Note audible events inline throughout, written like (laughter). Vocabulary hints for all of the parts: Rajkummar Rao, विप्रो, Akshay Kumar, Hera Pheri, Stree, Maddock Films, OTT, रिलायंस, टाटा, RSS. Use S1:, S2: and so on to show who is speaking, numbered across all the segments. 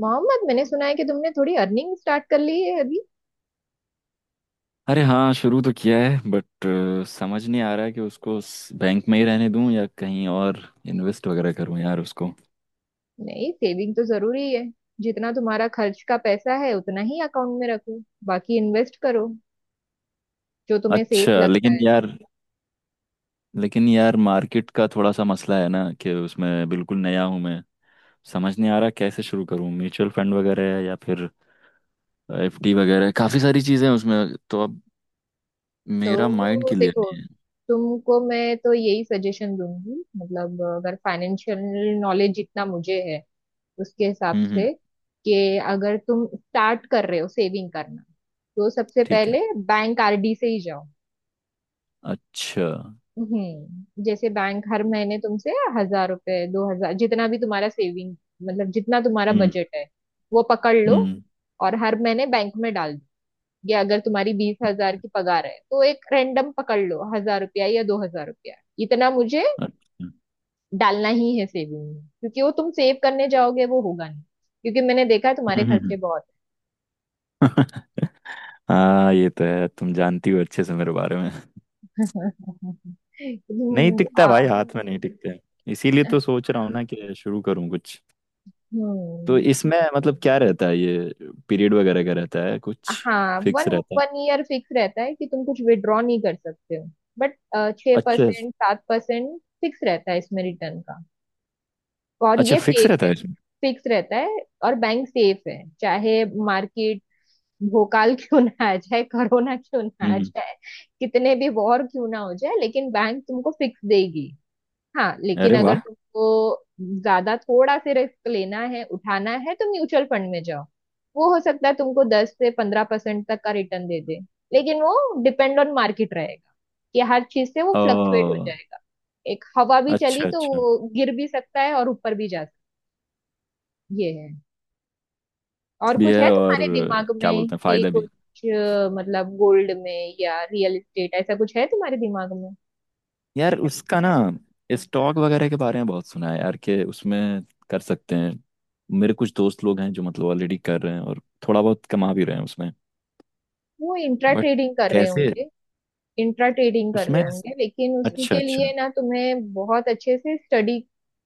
S1: मोहम्मद मैंने सुना है कि तुमने थोड़ी अर्निंग स्टार्ट कर ली है अभी।
S2: अरे हाँ, शुरू तो किया है बट समझ नहीं आ रहा है कि उसको बैंक में ही रहने दूं या कहीं और इन्वेस्ट वगैरह करूं यार उसको।
S1: नहीं, सेविंग तो जरूरी है। जितना तुम्हारा खर्च का पैसा है उतना ही अकाउंट में रखो, बाकी इन्वेस्ट करो, जो तुम्हें सेफ
S2: अच्छा
S1: लगता
S2: लेकिन
S1: है।
S2: यार, मार्केट का थोड़ा सा मसला है ना कि उसमें बिल्कुल नया हूं मैं। समझ नहीं आ रहा कैसे शुरू करूं, म्यूचुअल फंड वगैरह है या फिर एफडी वगैरह है, काफी सारी चीजें हैं उसमें तो अब मेरा माइंड
S1: तो
S2: क्लियर
S1: देखो,
S2: नहीं है।
S1: तुमको मैं तो यही सजेशन दूंगी, मतलब अगर फाइनेंशियल नॉलेज जितना मुझे है उसके हिसाब
S2: हम्म। हम्म।
S1: से, कि अगर तुम स्टार्ट कर रहे हो सेविंग करना, तो सबसे
S2: ठीक है।
S1: पहले बैंक आरडी से ही जाओ।
S2: अच्छा।
S1: हम्म, जैसे बैंक हर महीने तुमसे 1,000 रुपए 2,000, जितना भी तुम्हारा सेविंग, मतलब जितना तुम्हारा
S2: हम्म।
S1: बजट है वो पकड़ लो
S2: हम्म।
S1: और हर महीने बैंक में डाल दो। या अगर तुम्हारी 20,000 की पगार है तो एक रैंडम पकड़ लो 1,000 रुपया या 2,000 रुपया, इतना मुझे
S2: अच्छा। हम्म
S1: डालना ही है सेविंग में। क्योंकि वो तुम सेव करने जाओगे वो होगा नहीं, क्योंकि मैंने देखा है तुम्हारे
S2: हम्म,
S1: खर्चे
S2: हम्म।
S1: बहुत
S2: हाँ ये तो है, तुम जानती हो अच्छे से मेरे बारे में।
S1: हैं। (laughs)
S2: नहीं
S1: तुम,
S2: टिकता भाई, हाथ में नहीं टिकते। इसीलिए तो सोच रहा हूँ ना कि शुरू करूँ कुछ। तो
S1: हम्म।
S2: इसमें मतलब क्या रहता है, ये पीरियड वगैरह का रहता है कुछ
S1: हाँ, वन,
S2: फिक्स रहता
S1: वन
S2: है?
S1: ईयर फिक्स रहता है कि तुम कुछ विड्रॉ नहीं कर सकते हो, बट छः
S2: अच्छा।
S1: परसेंट 7% फिक्स रहता है इसमें रिटर्न का, और
S2: अच्छा,
S1: ये
S2: फिक्स
S1: सेफ
S2: रहता
S1: है।
S2: है इसमें।
S1: फिक्स रहता है, और बैंक सेफ है। चाहे मार्केट भोकाल (laughs) क्यों ना आ जाए, कोरोना क्यों ना
S2: हम्म
S1: आ
S2: हम्म।
S1: जाए, कितने भी वॉर क्यों ना हो जाए, लेकिन बैंक तुमको फिक्स देगी। हाँ, लेकिन
S2: अरे
S1: अगर
S2: वाह।
S1: तुमको ज्यादा थोड़ा से रिस्क लेना है, उठाना है, तो म्यूचुअल फंड में जाओ। वो हो सकता है तुमको 10 से 15% तक का रिटर्न दे दे, लेकिन वो डिपेंड ऑन मार्केट रहेगा, कि हर चीज से वो फ्लक्चुएट हो
S2: ओ।
S1: जाएगा। एक हवा भी चली
S2: अच्छा
S1: तो
S2: अच्छा,
S1: वो गिर भी सकता है और ऊपर भी जा सकता है, ये है। और
S2: भी
S1: कुछ
S2: है
S1: है
S2: और
S1: तुम्हारे दिमाग
S2: क्या
S1: में
S2: बोलते हैं
S1: कि
S2: फायदा भी।
S1: कुछ मतलब गोल्ड में या रियल एस्टेट, ऐसा कुछ है तुम्हारे दिमाग में?
S2: यार उसका ना, स्टॉक वगैरह के बारे में बहुत सुना है यार कि उसमें कर सकते हैं। मेरे कुछ दोस्त लोग हैं जो मतलब ऑलरेडी कर रहे हैं और थोड़ा बहुत कमा भी रहे हैं उसमें।
S1: वो इंट्रा
S2: बट
S1: ट्रेडिंग कर रहे
S2: कैसे,
S1: होंगे। इंट्रा ट्रेडिंग कर रहे
S2: उसमें।
S1: होंगे, लेकिन
S2: अच्छा
S1: उसके लिए
S2: अच्छा।
S1: ना तुम्हें बहुत अच्छे से स्टडी,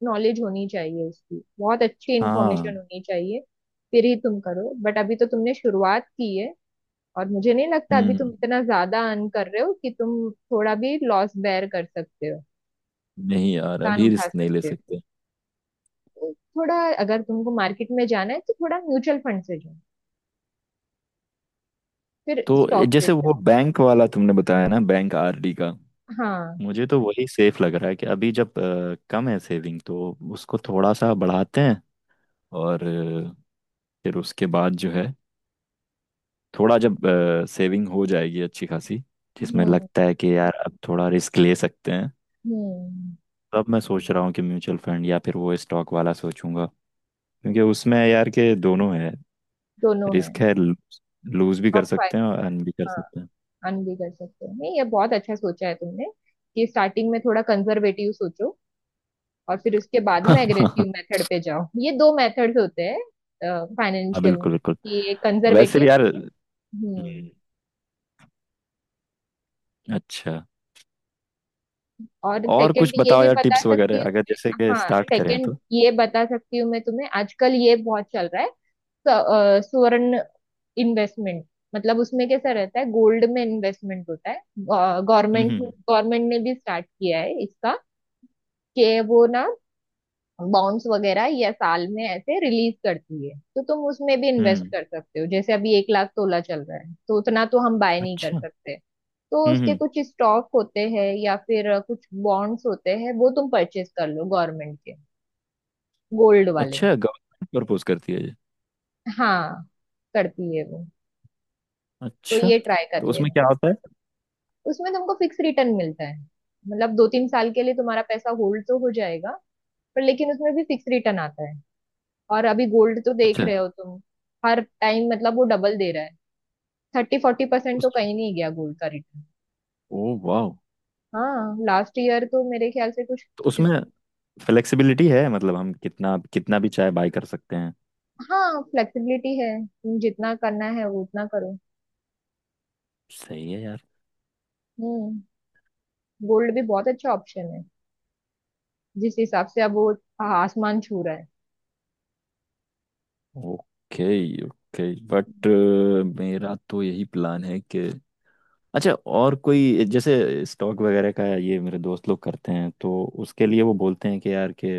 S1: नॉलेज होनी चाहिए, उसकी बहुत अच्छी
S2: हाँ।
S1: इंफॉर्मेशन होनी चाहिए, फिर ही तुम करो। बट अभी तो तुमने शुरुआत की है, और मुझे नहीं लगता अभी तुम
S2: हम्म।
S1: इतना ज्यादा अर्न कर रहे हो कि तुम थोड़ा भी लॉस बेयर कर सकते हो,
S2: नहीं यार,
S1: नुकसान
S2: अभी
S1: उठा
S2: रिस्क नहीं ले
S1: सकते हो।
S2: सकते।
S1: तो थोड़ा, अगर तुमको मार्केट में जाना है तो थोड़ा म्यूचुअल फंड से जाओ, फिर
S2: तो
S1: स्टॉक से
S2: जैसे वो
S1: जाओ।
S2: बैंक वाला तुमने बताया ना, बैंक आरडी का,
S1: हाँ।
S2: मुझे तो वही सेफ लग रहा है कि अभी जब कम है सेविंग, तो उसको थोड़ा सा बढ़ाते हैं। और फिर उसके बाद जो है, थोड़ा जब सेविंग हो जाएगी अच्छी खासी, जिसमें
S1: हम्म।
S2: लगता है कि यार अब थोड़ा रिस्क ले सकते हैं,
S1: हम्म,
S2: तब मैं सोच रहा हूँ कि म्यूचुअल फंड या फिर वो स्टॉक वाला सोचूंगा। क्योंकि उसमें यार के दोनों है।
S1: दोनों है।
S2: रिस्क है, लूज भी
S1: और
S2: कर सकते
S1: फायदा
S2: हैं और अर्न भी कर सकते हैं।
S1: अन भी कर सकते हो। नहीं, ये बहुत अच्छा सोचा है तुमने, कि स्टार्टिंग में थोड़ा कंजर्वेटिव सोचो, और फिर उसके बाद में एग्रेसिव
S2: (laughs)
S1: मेथड पे जाओ। ये दो मेथड्स होते हैं
S2: हाँ
S1: फाइनेंशियल में,
S2: बिल्कुल बिल्कुल।
S1: कि एक
S2: वैसे
S1: कंजर्वेटिव।
S2: भी यार।
S1: हम्म।
S2: हम्म, अच्छा।
S1: और
S2: और
S1: सेकंड
S2: कुछ
S1: ये
S2: बताओ
S1: भी
S2: यार
S1: बता
S2: टिप्स
S1: सकती
S2: वगैरह,
S1: हूँ
S2: अगर जैसे
S1: मैं।
S2: कि
S1: हाँ,
S2: स्टार्ट करें
S1: सेकंड
S2: तो।
S1: ये बता सकती हूँ मैं तुम्हें। आजकल ये बहुत चल रहा है, स्वर्ण इन्वेस्टमेंट। मतलब उसमें कैसा रहता है, गोल्ड में इन्वेस्टमेंट होता है।
S2: हम्म।
S1: गवर्नमेंट, गवर्नमेंट ने भी स्टार्ट किया है इसका, कि वो ना बॉन्ड्स वगैरह या साल में ऐसे रिलीज करती है, तो तुम उसमें भी इन्वेस्ट
S2: हम्म,
S1: कर सकते हो। जैसे अभी 1 लाख तोला चल रहा है, तो उतना तो हम बाय नहीं कर
S2: अच्छा।
S1: सकते। तो
S2: हम्म
S1: उसके
S2: हम्म,
S1: कुछ स्टॉक होते हैं या फिर कुछ बॉन्ड्स होते हैं, वो तुम परचेज कर लो गवर्नमेंट के गोल्ड वाले।
S2: अच्छा, गवर्नमेंट प्रपोज करती है ये?
S1: हाँ, करती है वो। तो
S2: अच्छा,
S1: ये ट्राई कर
S2: तो उसमें
S1: लेना।
S2: क्या होता है?
S1: उसमें तुमको फिक्स रिटर्न मिलता है, मतलब 2-3 साल के लिए तुम्हारा पैसा होल्ड तो हो जाएगा, पर लेकिन उसमें भी फिक्स रिटर्न आता है। और अभी गोल्ड तो देख
S2: अच्छा।
S1: रहे हो तुम, हर टाइम मतलब वो डबल दे रहा है। 30-40%
S2: उस
S1: तो कहीं नहीं गया गोल्ड का रिटर्न।
S2: ओ वाह।
S1: हाँ, लास्ट ईयर तो मेरे ख्याल से कुछ।
S2: तो उसमें फ्लेक्सिबिलिटी है, मतलब हम कितना कितना भी चाहे बाय कर सकते हैं?
S1: हाँ, फ्लेक्सिबिलिटी है, तुम जितना करना है वो उतना करो।
S2: सही है यार।
S1: हम्म। गोल्ड भी बहुत अच्छा ऑप्शन है, जिस हिसाब से अब वो आसमान छू रहा है।
S2: ओके ओके, बट मेरा तो यही प्लान है कि अच्छा। और कोई जैसे स्टॉक वगैरह का ये मेरे दोस्त लोग करते हैं, तो उसके लिए वो बोलते हैं कि यार के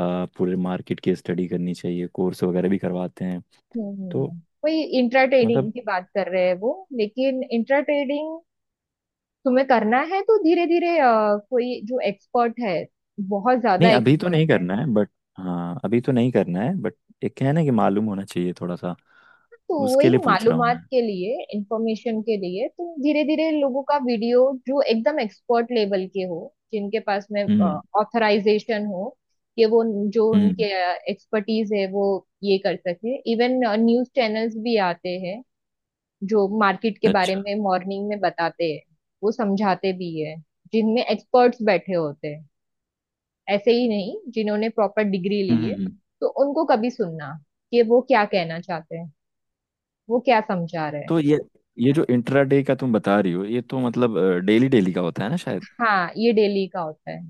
S2: पूरे मार्केट की स्टडी करनी चाहिए, कोर्स वगैरह भी करवाते हैं।
S1: हम्म,
S2: तो
S1: वही इंट्रा ट्रेडिंग
S2: मतलब,
S1: की बात कर रहे हैं वो। लेकिन इंट्रा ट्रेडिंग तुम्हें करना है तो धीरे धीरे, कोई जो एक्सपर्ट है, बहुत ज्यादा
S2: नहीं अभी तो
S1: एक्सपर्ट
S2: नहीं
S1: है।
S2: करना है बट, हाँ अभी तो नहीं करना है बट एक है ना कि मालूम होना चाहिए थोड़ा सा।
S1: तो
S2: उसके
S1: वही
S2: लिए पूछ रहा हूँ
S1: मालूमात
S2: मैं।
S1: के लिए, इंफॉर्मेशन के लिए, तो धीरे धीरे लोगों का वीडियो, जो एकदम एक्सपर्ट लेवल के हो, जिनके पास में
S2: हम्म।
S1: ऑथराइजेशन हो, कि वो जो उनके
S2: हम्म।
S1: एक्सपर्टीज है वो ये कर सके। इवन न्यूज चैनल्स भी आते हैं जो मार्केट के बारे
S2: अच्छा।
S1: में मॉर्निंग में बताते हैं, वो समझाते भी है, जिनमें एक्सपर्ट्स बैठे होते हैं, ऐसे ही नहीं, जिन्होंने प्रॉपर डिग्री
S2: हम्म
S1: ली है।
S2: हम्म, हम्म।
S1: तो उनको कभी सुनना कि वो क्या कहना चाहते हैं, वो क्या समझा रहे हैं।
S2: तो ये जो इंट्राडे का तुम बता रही हो, ये तो मतलब डेली डेली का होता है ना शायद?
S1: हाँ, ये डेली का होता है।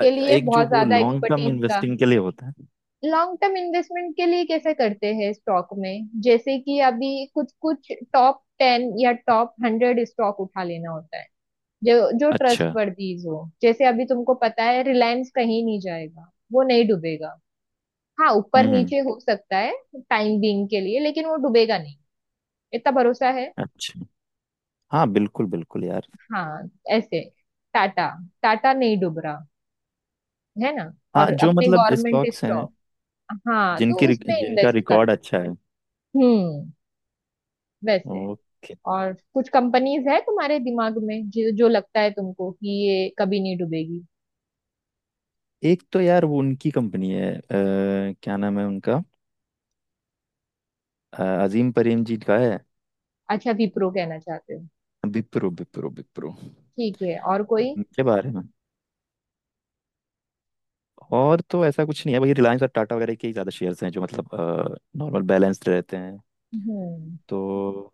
S2: अ-
S1: लिए
S2: एक जो
S1: बहुत
S2: वो
S1: ज्यादा
S2: लॉन्ग टर्म
S1: एक्सपर्टीज का।
S2: इन्वेस्टिंग के लिए होता है।
S1: लॉन्ग टर्म इन्वेस्टमेंट के लिए कैसे करते हैं, स्टॉक में जैसे कि अभी कुछ कुछ टॉप 10 या टॉप 100 स्टॉक उठा लेना होता है, जो जो
S2: अच्छा।
S1: ट्रस्टवर्दीज हो। जैसे अभी तुमको पता है रिलायंस कहीं नहीं जाएगा, वो नहीं डूबेगा। हाँ, ऊपर
S2: हम्म।
S1: नीचे हो सकता है टाइम बीइंग के लिए, लेकिन वो डूबेगा नहीं, इतना भरोसा है।
S2: अच्छा। हाँ बिल्कुल बिल्कुल यार।
S1: हाँ, ऐसे टाटा। टाटा नहीं डूब रहा, है ना। और
S2: हाँ जो
S1: अपने
S2: मतलब
S1: गवर्नमेंट
S2: स्टॉक्स हैं
S1: स्टॉक, हाँ,
S2: जिनकी
S1: तो उसमें
S2: जिनका
S1: इन्वेस्ट कर दो।
S2: रिकॉर्ड अच्छा है।
S1: हम्म, वैसे।
S2: ओके।
S1: और कुछ कंपनीज है तुम्हारे दिमाग में, जो जो लगता है तुमको कि ये कभी नहीं डूबेगी?
S2: एक तो यार वो उनकी कंपनी है क्या नाम है उनका, अजीम प्रेम जी का है।
S1: अच्छा, विप्रो कहना चाहते हो।
S2: विप्रो विप्रो विप्रो।
S1: ठीक है, और कोई?
S2: उनके बारे में। और तो ऐसा कुछ नहीं है, वही रिलायंस और टाटा वगैरह के ही ज्यादा शेयर्स हैं जो मतलब नॉर्मल बैलेंस्ड रहते हैं।
S1: हम्म।
S2: तो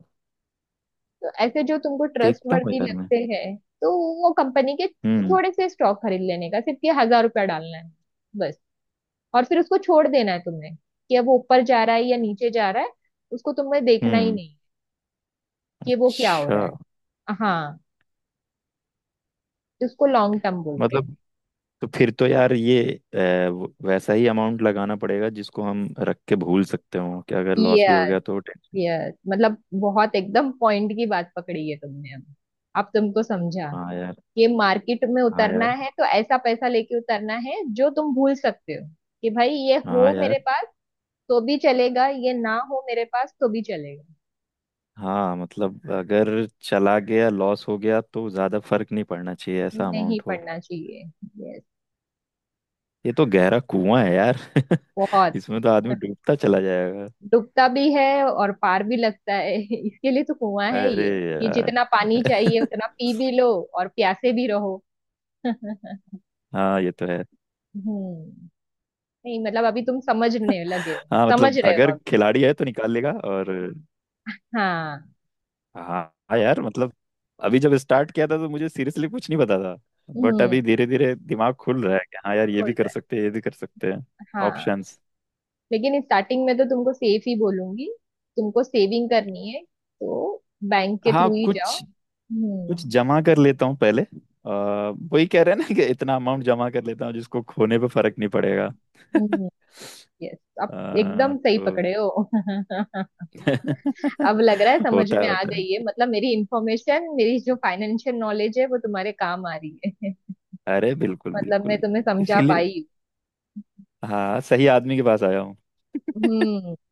S1: तो ऐसे जो तुमको
S2: देखता हूँ
S1: ट्रस्टवर्दी
S2: यार मैं।
S1: लगते हैं, तो वो कंपनी के
S2: हम्म।
S1: थोड़े से स्टॉक खरीद लेने का, सिर्फ ये 1,000 रुपया डालना है, बस। और फिर उसको छोड़ देना है तुम्हें, कि अब वो ऊपर जा रहा है या नीचे जा रहा है, उसको तुम्हें देखना ही
S2: हम्म।
S1: नहीं कि वो क्या हो
S2: अच्छा।
S1: रहा है। हाँ, इसको लॉन्ग टर्म बोलते हैं।
S2: मतलब, तो फिर तो यार ये अ, वैसा ही अमाउंट लगाना पड़ेगा जिसको हम रख के भूल सकते हो कि अगर लॉस भी हो
S1: यस,
S2: गया तो टेंशन।
S1: यस, मतलब बहुत एकदम पॉइंट की बात पकड़ी है तुमने। अब तुमको समझा,
S2: हाँ यार।
S1: कि मार्केट में
S2: हाँ
S1: उतरना
S2: यार।
S1: है तो ऐसा पैसा लेके उतरना है जो तुम भूल सकते हो। कि भाई, ये
S2: हाँ
S1: हो
S2: यार।
S1: मेरे पास तो भी चलेगा, ये ना हो मेरे पास तो भी चलेगा।
S2: हाँ मतलब अगर चला गया, लॉस हो गया तो ज्यादा फर्क नहीं पड़ना चाहिए, ऐसा
S1: नहीं
S2: अमाउंट हो।
S1: पड़ना चाहिए। यस।
S2: ये तो गहरा कुआं है यार, (laughs)
S1: बहुत
S2: इसमें तो आदमी डूबता चला जाएगा।
S1: डूबता भी है और पार भी लगता है। (laughs) इसके लिए तो कुआं है
S2: अरे
S1: ये, कि
S2: यार।
S1: जितना पानी चाहिए
S2: (laughs)
S1: उतना पी भी लो और प्यासे भी रहो। (laughs)
S2: हाँ ये तो है।
S1: हम्म। नहीं मतलब अभी तुम समझने लगे हो,
S2: हाँ
S1: समझ
S2: मतलब
S1: रहे हो
S2: अगर
S1: अभी।
S2: खिलाड़ी है तो निकाल लेगा और।
S1: हाँ।
S2: हाँ। हाँ यार मतलब अभी जब स्टार्ट किया था तो मुझे सीरियसली कुछ नहीं पता था। बट
S1: हम्म,
S2: अभी धीरे धीरे दिमाग खुल रहा है कि हाँ यार, ये भी
S1: खुल
S2: कर
S1: रहा
S2: सकते हैं ये भी कर सकते हैं।
S1: है, हाँ।
S2: ऑप्शंस।
S1: लेकिन स्टार्टिंग में तो तुमको सेफ ही बोलूंगी। तुमको सेविंग करनी है तो बैंक के
S2: हाँ
S1: थ्रू ही जाओ।
S2: कुछ, कुछ
S1: हम्म।
S2: जमा कर लेता हूँ पहले। वही कह रहे हैं ना कि इतना अमाउंट जमा कर लेता हूँ जिसको खोने पे फर्क नहीं पड़ेगा। (laughs)
S1: हम्म, यस, अब एकदम
S2: अ,
S1: सही
S2: तो
S1: पकड़े हो। (laughs)
S2: (laughs)
S1: अब लग रहा है समझ
S2: होता
S1: में
S2: है
S1: आ
S2: होता है।
S1: गई है, मतलब मेरी इंफॉर्मेशन, मेरी जो फाइनेंशियल नॉलेज है वो तुम्हारे काम आ रही है। (laughs)
S2: अरे बिल्कुल
S1: मतलब मैं
S2: बिल्कुल।
S1: तुम्हें समझा
S2: इसीलिए
S1: पाई
S2: हाँ, सही आदमी के पास आया हूँ।
S1: हूँ। हम्म,
S2: (laughs)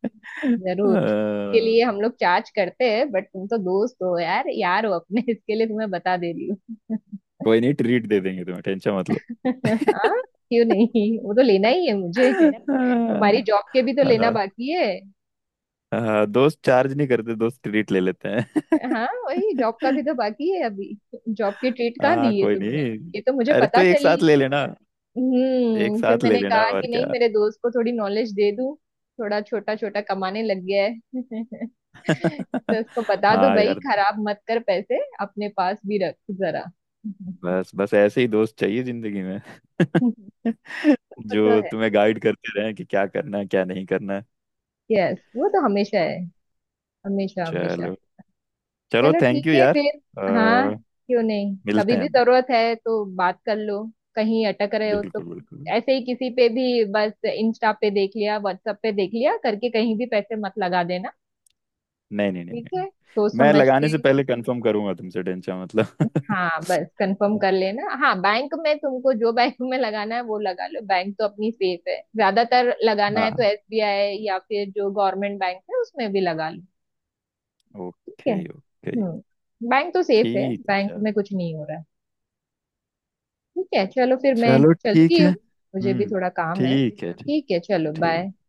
S1: जरूर इसके
S2: अ,
S1: लिए हम लोग चार्ज करते हैं, बट तुम तो दोस्त हो यार, यार हो अपने, इसके लिए तुम्हें बता दे रही हूँ।
S2: कोई नहीं, ट्रीट दे देंगे तुम्हें, टेंशन मत लो।
S1: (laughs) हाँ, क्यों नहीं, वो तो लेना ही है मुझे।
S2: (laughs)
S1: तुम्हारी
S2: हाँ।
S1: जॉब के भी तो लेना बाकी है।
S2: हाँ, दोस्त चार्ज नहीं करते, दोस्त ट्रीट ले लेते हैं।
S1: हाँ, वही जॉब का भी तो बाकी है अभी। जॉब की ट्रीट
S2: (laughs)
S1: कहाँ
S2: हाँ
S1: दी है
S2: कोई
S1: तुमने?
S2: नहीं,
S1: ये तो मुझे
S2: अरे तो
S1: पता
S2: एक साथ
S1: चली।
S2: ले लेना। एक
S1: हम्म, फिर
S2: साथ ले
S1: मैंने
S2: लेना
S1: कहा
S2: और
S1: कि नहीं,
S2: क्या।
S1: मेरे दोस्त को थोड़ी नॉलेज दे दूं। थोड़ा छोटा छोटा कमाने लग गया है। (laughs) तो
S2: (laughs)
S1: उसको बता दो,
S2: हाँ
S1: भाई
S2: यार।
S1: खराब मत कर, पैसे अपने पास भी रख जरा। (laughs)
S2: बस बस, ऐसे ही दोस्त चाहिए जिंदगी में,
S1: वो
S2: (laughs)
S1: तो
S2: जो
S1: है।
S2: तुम्हें गाइड करते रहें कि क्या करना है क्या नहीं करना है।
S1: यस, वो तो हमेशा है, हमेशा हमेशा।
S2: चलो, चलो
S1: चलो,
S2: थैंक
S1: ठीक
S2: यू
S1: है
S2: यार।
S1: फिर। हाँ,
S2: अ,
S1: क्यों नहीं,
S2: मिलते
S1: कभी भी
S2: हैं।
S1: जरूरत है तो बात कर लो। कहीं अटक रहे हो तो
S2: बिल्कुल बिल्कुल।
S1: ऐसे ही किसी पे भी, बस इंस्टा पे देख लिया, व्हाट्सएप पे देख लिया करके कहीं भी पैसे मत लगा देना।
S2: नहीं नहीं नहीं
S1: ठीक
S2: नहीं,
S1: है, सोच
S2: मैं
S1: समझ
S2: लगाने
S1: के।
S2: से पहले कंफर्म करूंगा तुमसे, टेंशन मतलब।
S1: हाँ, बस कंफर्म कर लेना। हाँ, बैंक में तुमको जो बैंक में लगाना है वो लगा लो, बैंक तो अपनी सेफ है ज्यादातर।
S2: (laughs)
S1: लगाना है तो
S2: हाँ।
S1: एसबीआई या फिर जो गवर्नमेंट बैंक है उसमें भी लगा लो। ठीक है।
S2: Okay okay.
S1: हम्म, बैंक तो सेफ है,
S2: ठीक है
S1: बैंक
S2: चल।
S1: में कुछ नहीं हो रहा है। ठीक है चलो फिर, मैं
S2: चलो
S1: चलती
S2: ठीक है,
S1: हूँ, मुझे भी
S2: हम्म।
S1: थोड़ा काम है।
S2: ठीक है। ठीक।
S1: ठीक है, चलो बाय।
S2: ठीक।